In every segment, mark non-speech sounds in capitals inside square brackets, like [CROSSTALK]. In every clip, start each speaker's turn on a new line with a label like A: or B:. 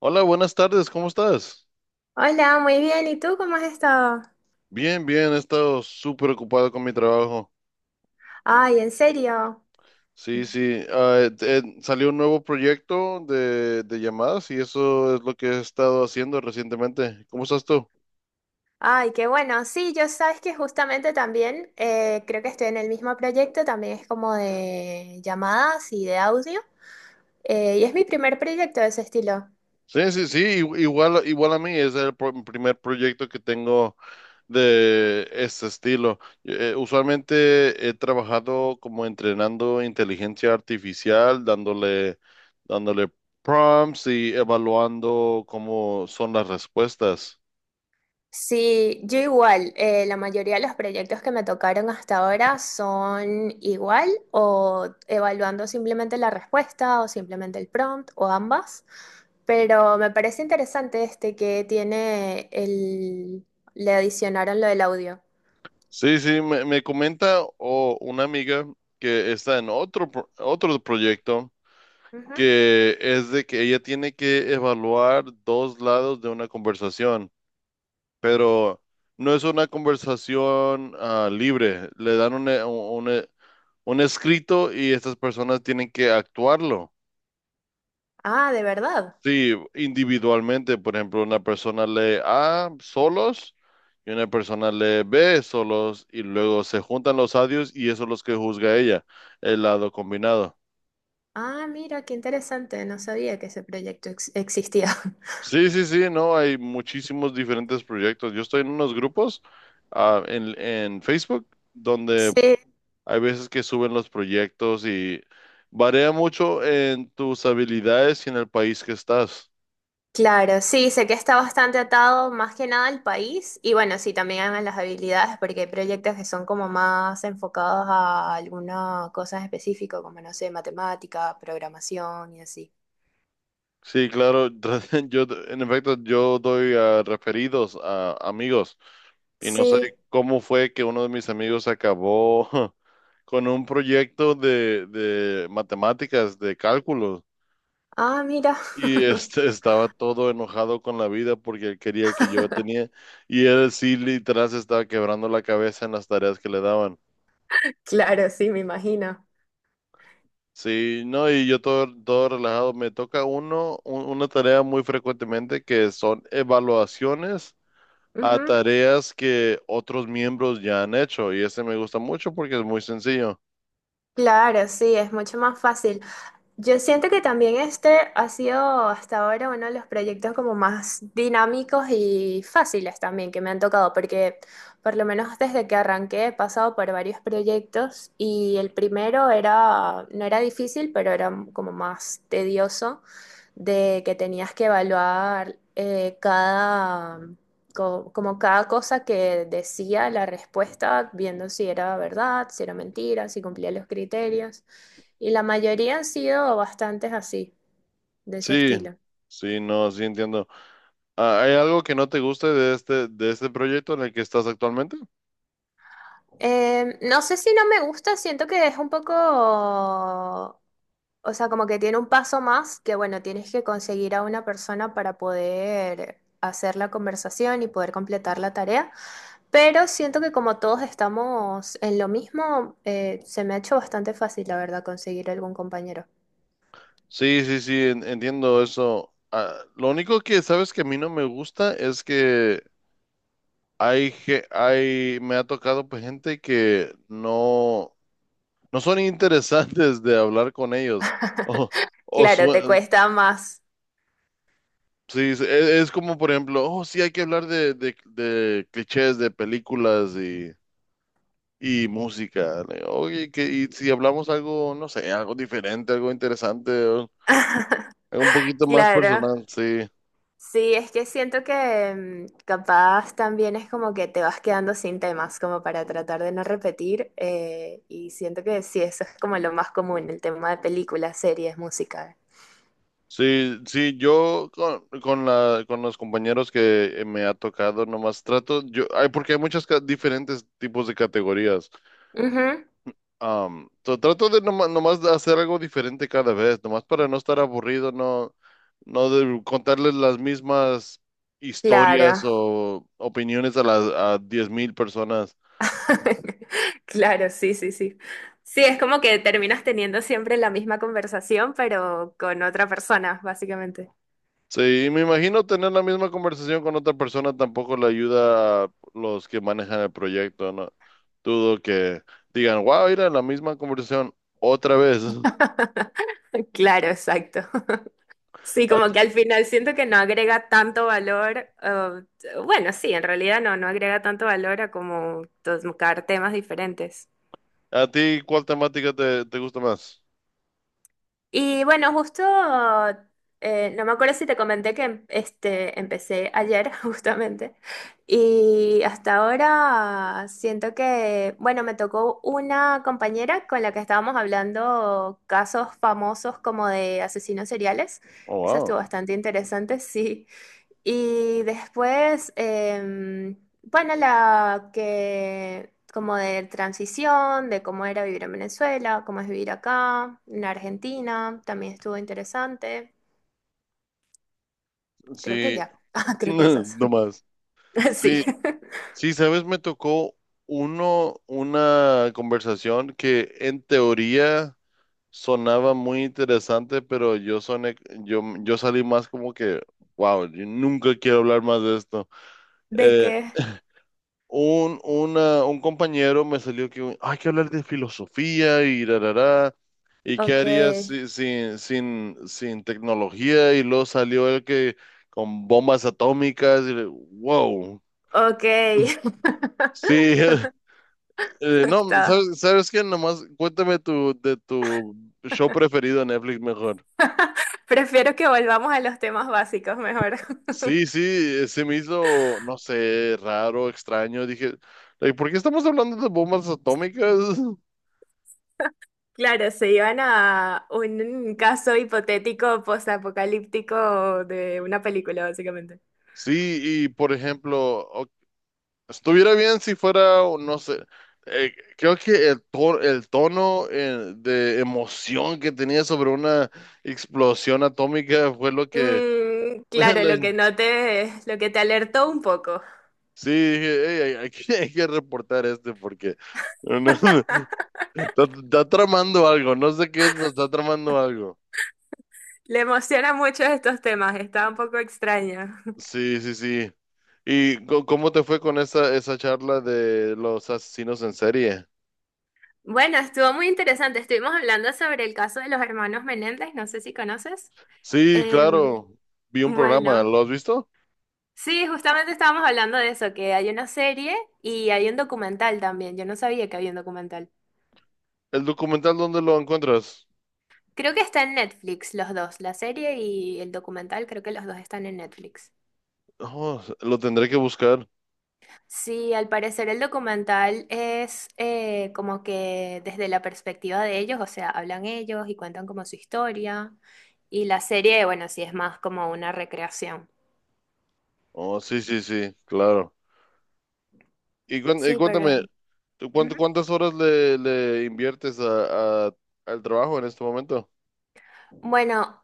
A: Hola, buenas tardes, ¿cómo estás?
B: Hola, muy bien. ¿Y tú cómo has estado?
A: Bien, he estado súper ocupado con mi trabajo.
B: Ay, ¿en serio?
A: Sí, sí, salió un nuevo proyecto de llamadas y eso es lo que he estado haciendo recientemente. ¿Cómo estás tú?
B: Ay, qué bueno. Sí, yo sabes que justamente también creo que estoy en el mismo proyecto, también es como de llamadas y de audio. Y es mi primer proyecto de ese estilo.
A: Sí, sí, sí, igual a mí, es el primer proyecto que tengo de este estilo. Usualmente he trabajado como entrenando inteligencia artificial, dándole prompts y evaluando cómo son las respuestas.
B: Sí, yo igual, la mayoría de los proyectos que me tocaron hasta ahora son igual o evaluando simplemente la respuesta o simplemente el prompt o ambas, pero me parece interesante este que tiene le adicionaron lo del audio.
A: Sí, sí, me comenta o una amiga que está en otro, otro proyecto
B: Ujú.
A: que es de que ella tiene que evaluar dos lados de una conversación. Pero no es una conversación libre. Le dan un escrito y estas personas tienen que actuarlo.
B: Ah, de verdad.
A: Sí, individualmente, por ejemplo, una persona lee A solos y una persona lee B solos y luego se juntan los audios y eso es los que juzga ella, el lado combinado.
B: Ah, mira, qué interesante, no sabía que ese proyecto existía. [LAUGHS]
A: Sí, sí, sí, no, hay muchísimos diferentes proyectos. Yo estoy en unos grupos en Facebook donde
B: Sí.
A: hay veces que suben los proyectos y varía mucho en tus habilidades y en el país que estás.
B: Claro, sí, sé que está bastante atado más que nada al país y bueno, sí, también a las habilidades porque hay proyectos que son como más enfocados a alguna cosa en específico, como no sé, matemática, programación y así.
A: Sí, claro, [LAUGHS] yo en efecto yo doy a referidos a amigos y no
B: Sí,
A: sé cómo fue que uno de mis amigos acabó [LAUGHS] con un proyecto de matemáticas, de cálculo
B: ah, mira.
A: y
B: [LAUGHS]
A: este estaba todo enojado con la vida porque él quería el que yo tenía y él sí literal se estaba quebrando la cabeza en las tareas que le daban.
B: Claro, sí, me imagino.
A: Sí, no, y yo todo relajado. Me toca uno, una tarea muy frecuentemente que son evaluaciones a
B: Ujú.
A: tareas que otros miembros ya han hecho. Y este me gusta mucho porque es muy sencillo.
B: Claro, sí, es mucho más fácil. Yo siento que también este ha sido hasta ahora uno de los proyectos como más dinámicos y fáciles también que me han tocado, porque por lo menos desde que arranqué he pasado por varios proyectos y el primero era, no era difícil, pero era como más tedioso, de que tenías que evaluar como cada cosa que decía la respuesta, viendo si era verdad, si era mentira, si cumplía los criterios. Y la mayoría han sido bastantes así, de ese
A: Sí,
B: estilo.
A: sí, no, sí entiendo. Ah, ¿hay algo que no te guste de este proyecto en el que estás actualmente?
B: No sé si no me gusta, siento que es un poco, o sea, como que tiene un paso más, que bueno, tienes que conseguir a una persona para poder hacer la conversación y poder completar la tarea, pero siento que como todos estamos en lo mismo, se me ha hecho bastante fácil, la verdad, conseguir algún compañero.
A: Sí, sí, sí, entiendo eso. Ah, lo único que sabes que a mí no me gusta es que hay, me ha tocado pues, gente que no, no son interesantes de hablar con ellos. O, o
B: Claro,
A: sue-
B: te cuesta más.
A: sí, sí, es, como por ejemplo, oh, sí, hay que hablar de clichés de películas y música. Le digo, oye, que, y si hablamos algo, no sé, algo diferente, algo interesante, o algo un poquito más
B: Claro.
A: personal, sí.
B: Sí, es que siento que mm, capaz también es como que te vas quedando sin temas, como para tratar de no repetir, y siento que sí, eso es como lo más común, el tema de películas, series, música.
A: Sí, sí, yo con los compañeros que me ha tocado, nomás trato, yo, hay, porque hay muchos diferentes tipos de categorías.
B: Ujú,
A: Trato de nomás, de hacer algo diferente cada vez, nomás para no estar aburrido, no, no de contarles las mismas historias
B: claro,
A: o opiniones a las a 10.000 personas.
B: [LAUGHS] claro, sí, sí, sí. Sí, es como que terminas teniendo siempre la misma conversación, pero con otra persona, básicamente.
A: Sí, me imagino tener la misma conversación con otra persona tampoco le ayuda a los que manejan el proyecto, ¿no? Dudo que digan, wow, era la misma conversación otra vez. [LAUGHS]
B: [LAUGHS] Claro, exacto. Sí,
A: ¿A,
B: como
A: ti,
B: que al final siento que no agrega tanto valor, bueno, sí, en realidad no, no agrega tanto valor a como tocar temas diferentes.
A: a ti cuál temática te, te gusta más?
B: Y bueno, justo, no me acuerdo si te comenté que este, empecé ayer [LAUGHS] justamente, y hasta ahora siento que, bueno, me tocó una compañera con la que estábamos hablando casos famosos como de asesinos seriales.
A: Oh,
B: Eso
A: wow.
B: estuvo bastante interesante, [LAUGHS] sí. Y después, bueno, la que como de transición, de cómo era vivir en Venezuela, cómo es vivir acá, en Argentina, también estuvo interesante. Creo que
A: Sí,
B: ya. [LAUGHS] Ah, creo que
A: [LAUGHS]
B: esas.
A: no más.
B: [LAUGHS] Sí.
A: Sí,
B: [LAUGHS]
A: sí, sabes, me tocó uno, una conversación que en teoría sonaba muy interesante, pero yo soné, yo salí más como que, wow, yo nunca quiero hablar más de esto.
B: ¿De
A: Eh,
B: qué?
A: un, un compañero me salió que hay que hablar de filosofía y rarará. ¿Y qué
B: Ok.
A: harías sin tecnología? Y luego salió el que con bombas atómicas y le- wow.
B: Ok.
A: Sí, [LAUGHS]
B: [LAUGHS]
A: eh, no,
B: Está.
A: ¿sabes, sabes qué? Nomás cuéntame tu, de tu show preferido en Netflix mejor.
B: Prefiero que volvamos a los temas básicos mejor. [LAUGHS]
A: Sí, sí, se me hizo, no sé, raro, extraño. Dije, like, ¿por qué estamos hablando de bombas atómicas? [LAUGHS]
B: Claro, se iban a un caso hipotético posapocalíptico de una película, básicamente.
A: Sí, y por ejemplo, o- estuviera bien si fuera, o no sé, eh, creo que el, el tono de emoción que tenía sobre una explosión atómica fue lo que
B: Mm,
A: [LAUGHS]
B: claro, lo
A: like,
B: que noté, lo que te alertó un poco.
A: sí, dije, "Ey, hay que, [LAUGHS] hay que reportar este porque no- no, [LAUGHS] está, está tramando algo, no sé qué es, pero está tramando algo.
B: Le emociona mucho estos temas, está un poco extraño.
A: Sí, sí, sí. ¿Y cómo te fue con esa, esa charla de los asesinos en serie?
B: Bueno, estuvo muy interesante. Estuvimos hablando sobre el caso de los hermanos Menéndez, no sé si conoces.
A: Sí,
B: Em,
A: claro, vi un programa,
B: bueno,
A: ¿lo has visto?
B: sí, justamente estábamos hablando de eso, que hay una serie y hay un documental también. Yo no sabía que había un documental.
A: ¿El documental dónde lo encuentras?
B: Creo que está en Netflix los dos, la serie y el documental, creo que los dos están en Netflix.
A: Oh, lo tendré que buscar.
B: Sí, al parecer el documental es como que desde la perspectiva de ellos, o sea, hablan ellos y cuentan como su historia. Y la serie, bueno, sí es más como una recreación.
A: Oh, sí, sí, sí, claro. Y, y
B: Sí, pero...
A: cuéntame,
B: ujú.
A: ¿cuántas horas le inviertes a- al trabajo en este momento?
B: Bueno,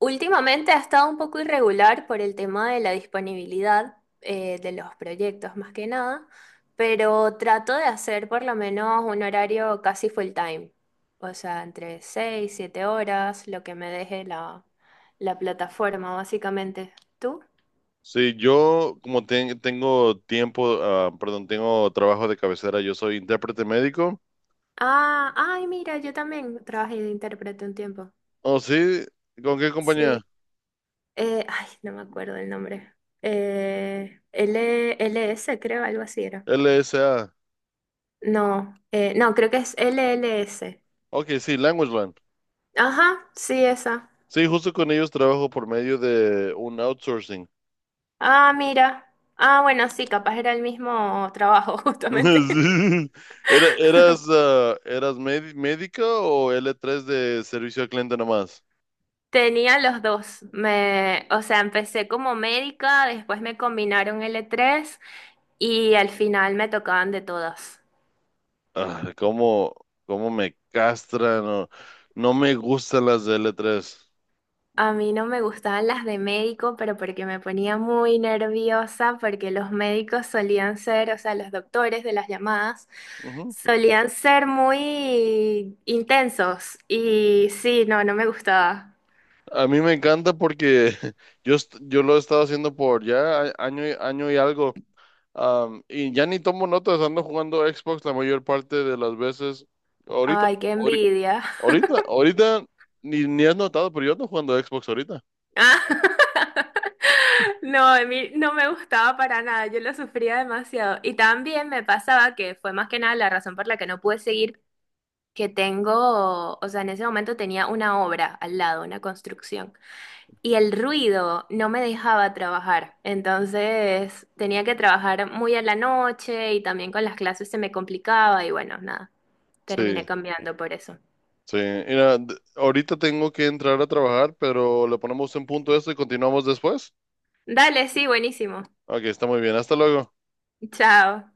B: últimamente ha estado un poco irregular por el tema de la disponibilidad de los proyectos, más que nada, pero trato de hacer por lo menos un horario casi full time, o sea, entre 6, 7 horas, lo que me deje la plataforma, básicamente. ¿Tú?
A: Sí, yo como tengo tiempo, ah, perdón, tengo trabajo de cabecera, yo soy intérprete médico.
B: Ah, ay, mira, yo también trabajé de intérprete un tiempo.
A: Oh, sí, ¿con qué compañía?
B: Sí. Ay, no me acuerdo el nombre. Eh, L- LS, creo, algo así era.
A: LSA.
B: No, no, creo que es LLS.
A: Ok, sí, LanguageLand.
B: Ajá, sí, esa.
A: Sí, justo con ellos trabajo por medio de un outsourcing.
B: Ah, mira. Ah, bueno, sí, capaz era el mismo trabajo, [LAUGHS]
A: [LAUGHS]
B: justamente.
A: Sí. Era- ¿eras, ah, eras médica o l tres de servicio al cliente nomás?
B: Tenía los dos. O sea, empecé como médica, después me combinaron L3 y al final me tocaban de todas.
A: Ah, ¿cómo, cómo me castran? No, no me gustan las de l tres.
B: A mí no me gustaban las de médico, pero porque me ponía muy nerviosa, porque los médicos solían ser, o sea, los doctores de las llamadas, solían ser muy intensos. Y sí, no, no me gustaba.
A: A mí me encanta porque [LAUGHS] yo, yo lo he estado haciendo por ya año y, año y algo. Am, y ya ni tomo notas, ando jugando Xbox la mayor parte de las veces. Ahorita,
B: Ay, qué
A: ahori-
B: envidia. [LAUGHS]
A: ahorita, ni, ni has notado, pero yo ando jugando Xbox ahorita.
B: Ah, [LAUGHS] no, a mí no me gustaba para nada, yo lo sufría demasiado. Y también me pasaba que fue más que nada la razón por la que no pude seguir, que tengo, o sea, en ese momento tenía una obra al lado, una construcción. Y el ruido no me dejaba trabajar, entonces tenía que trabajar muy a la noche y también con las clases se me complicaba y bueno, nada,
A: Sí,
B: terminé cambiando por eso.
A: sí. Mira, d- ahorita tengo que entrar a trabajar, pero le ponemos un punto a esto y continuamos después.
B: Dale, sí, buenísimo.
A: Ok, está muy bien. Hasta luego.
B: Chao.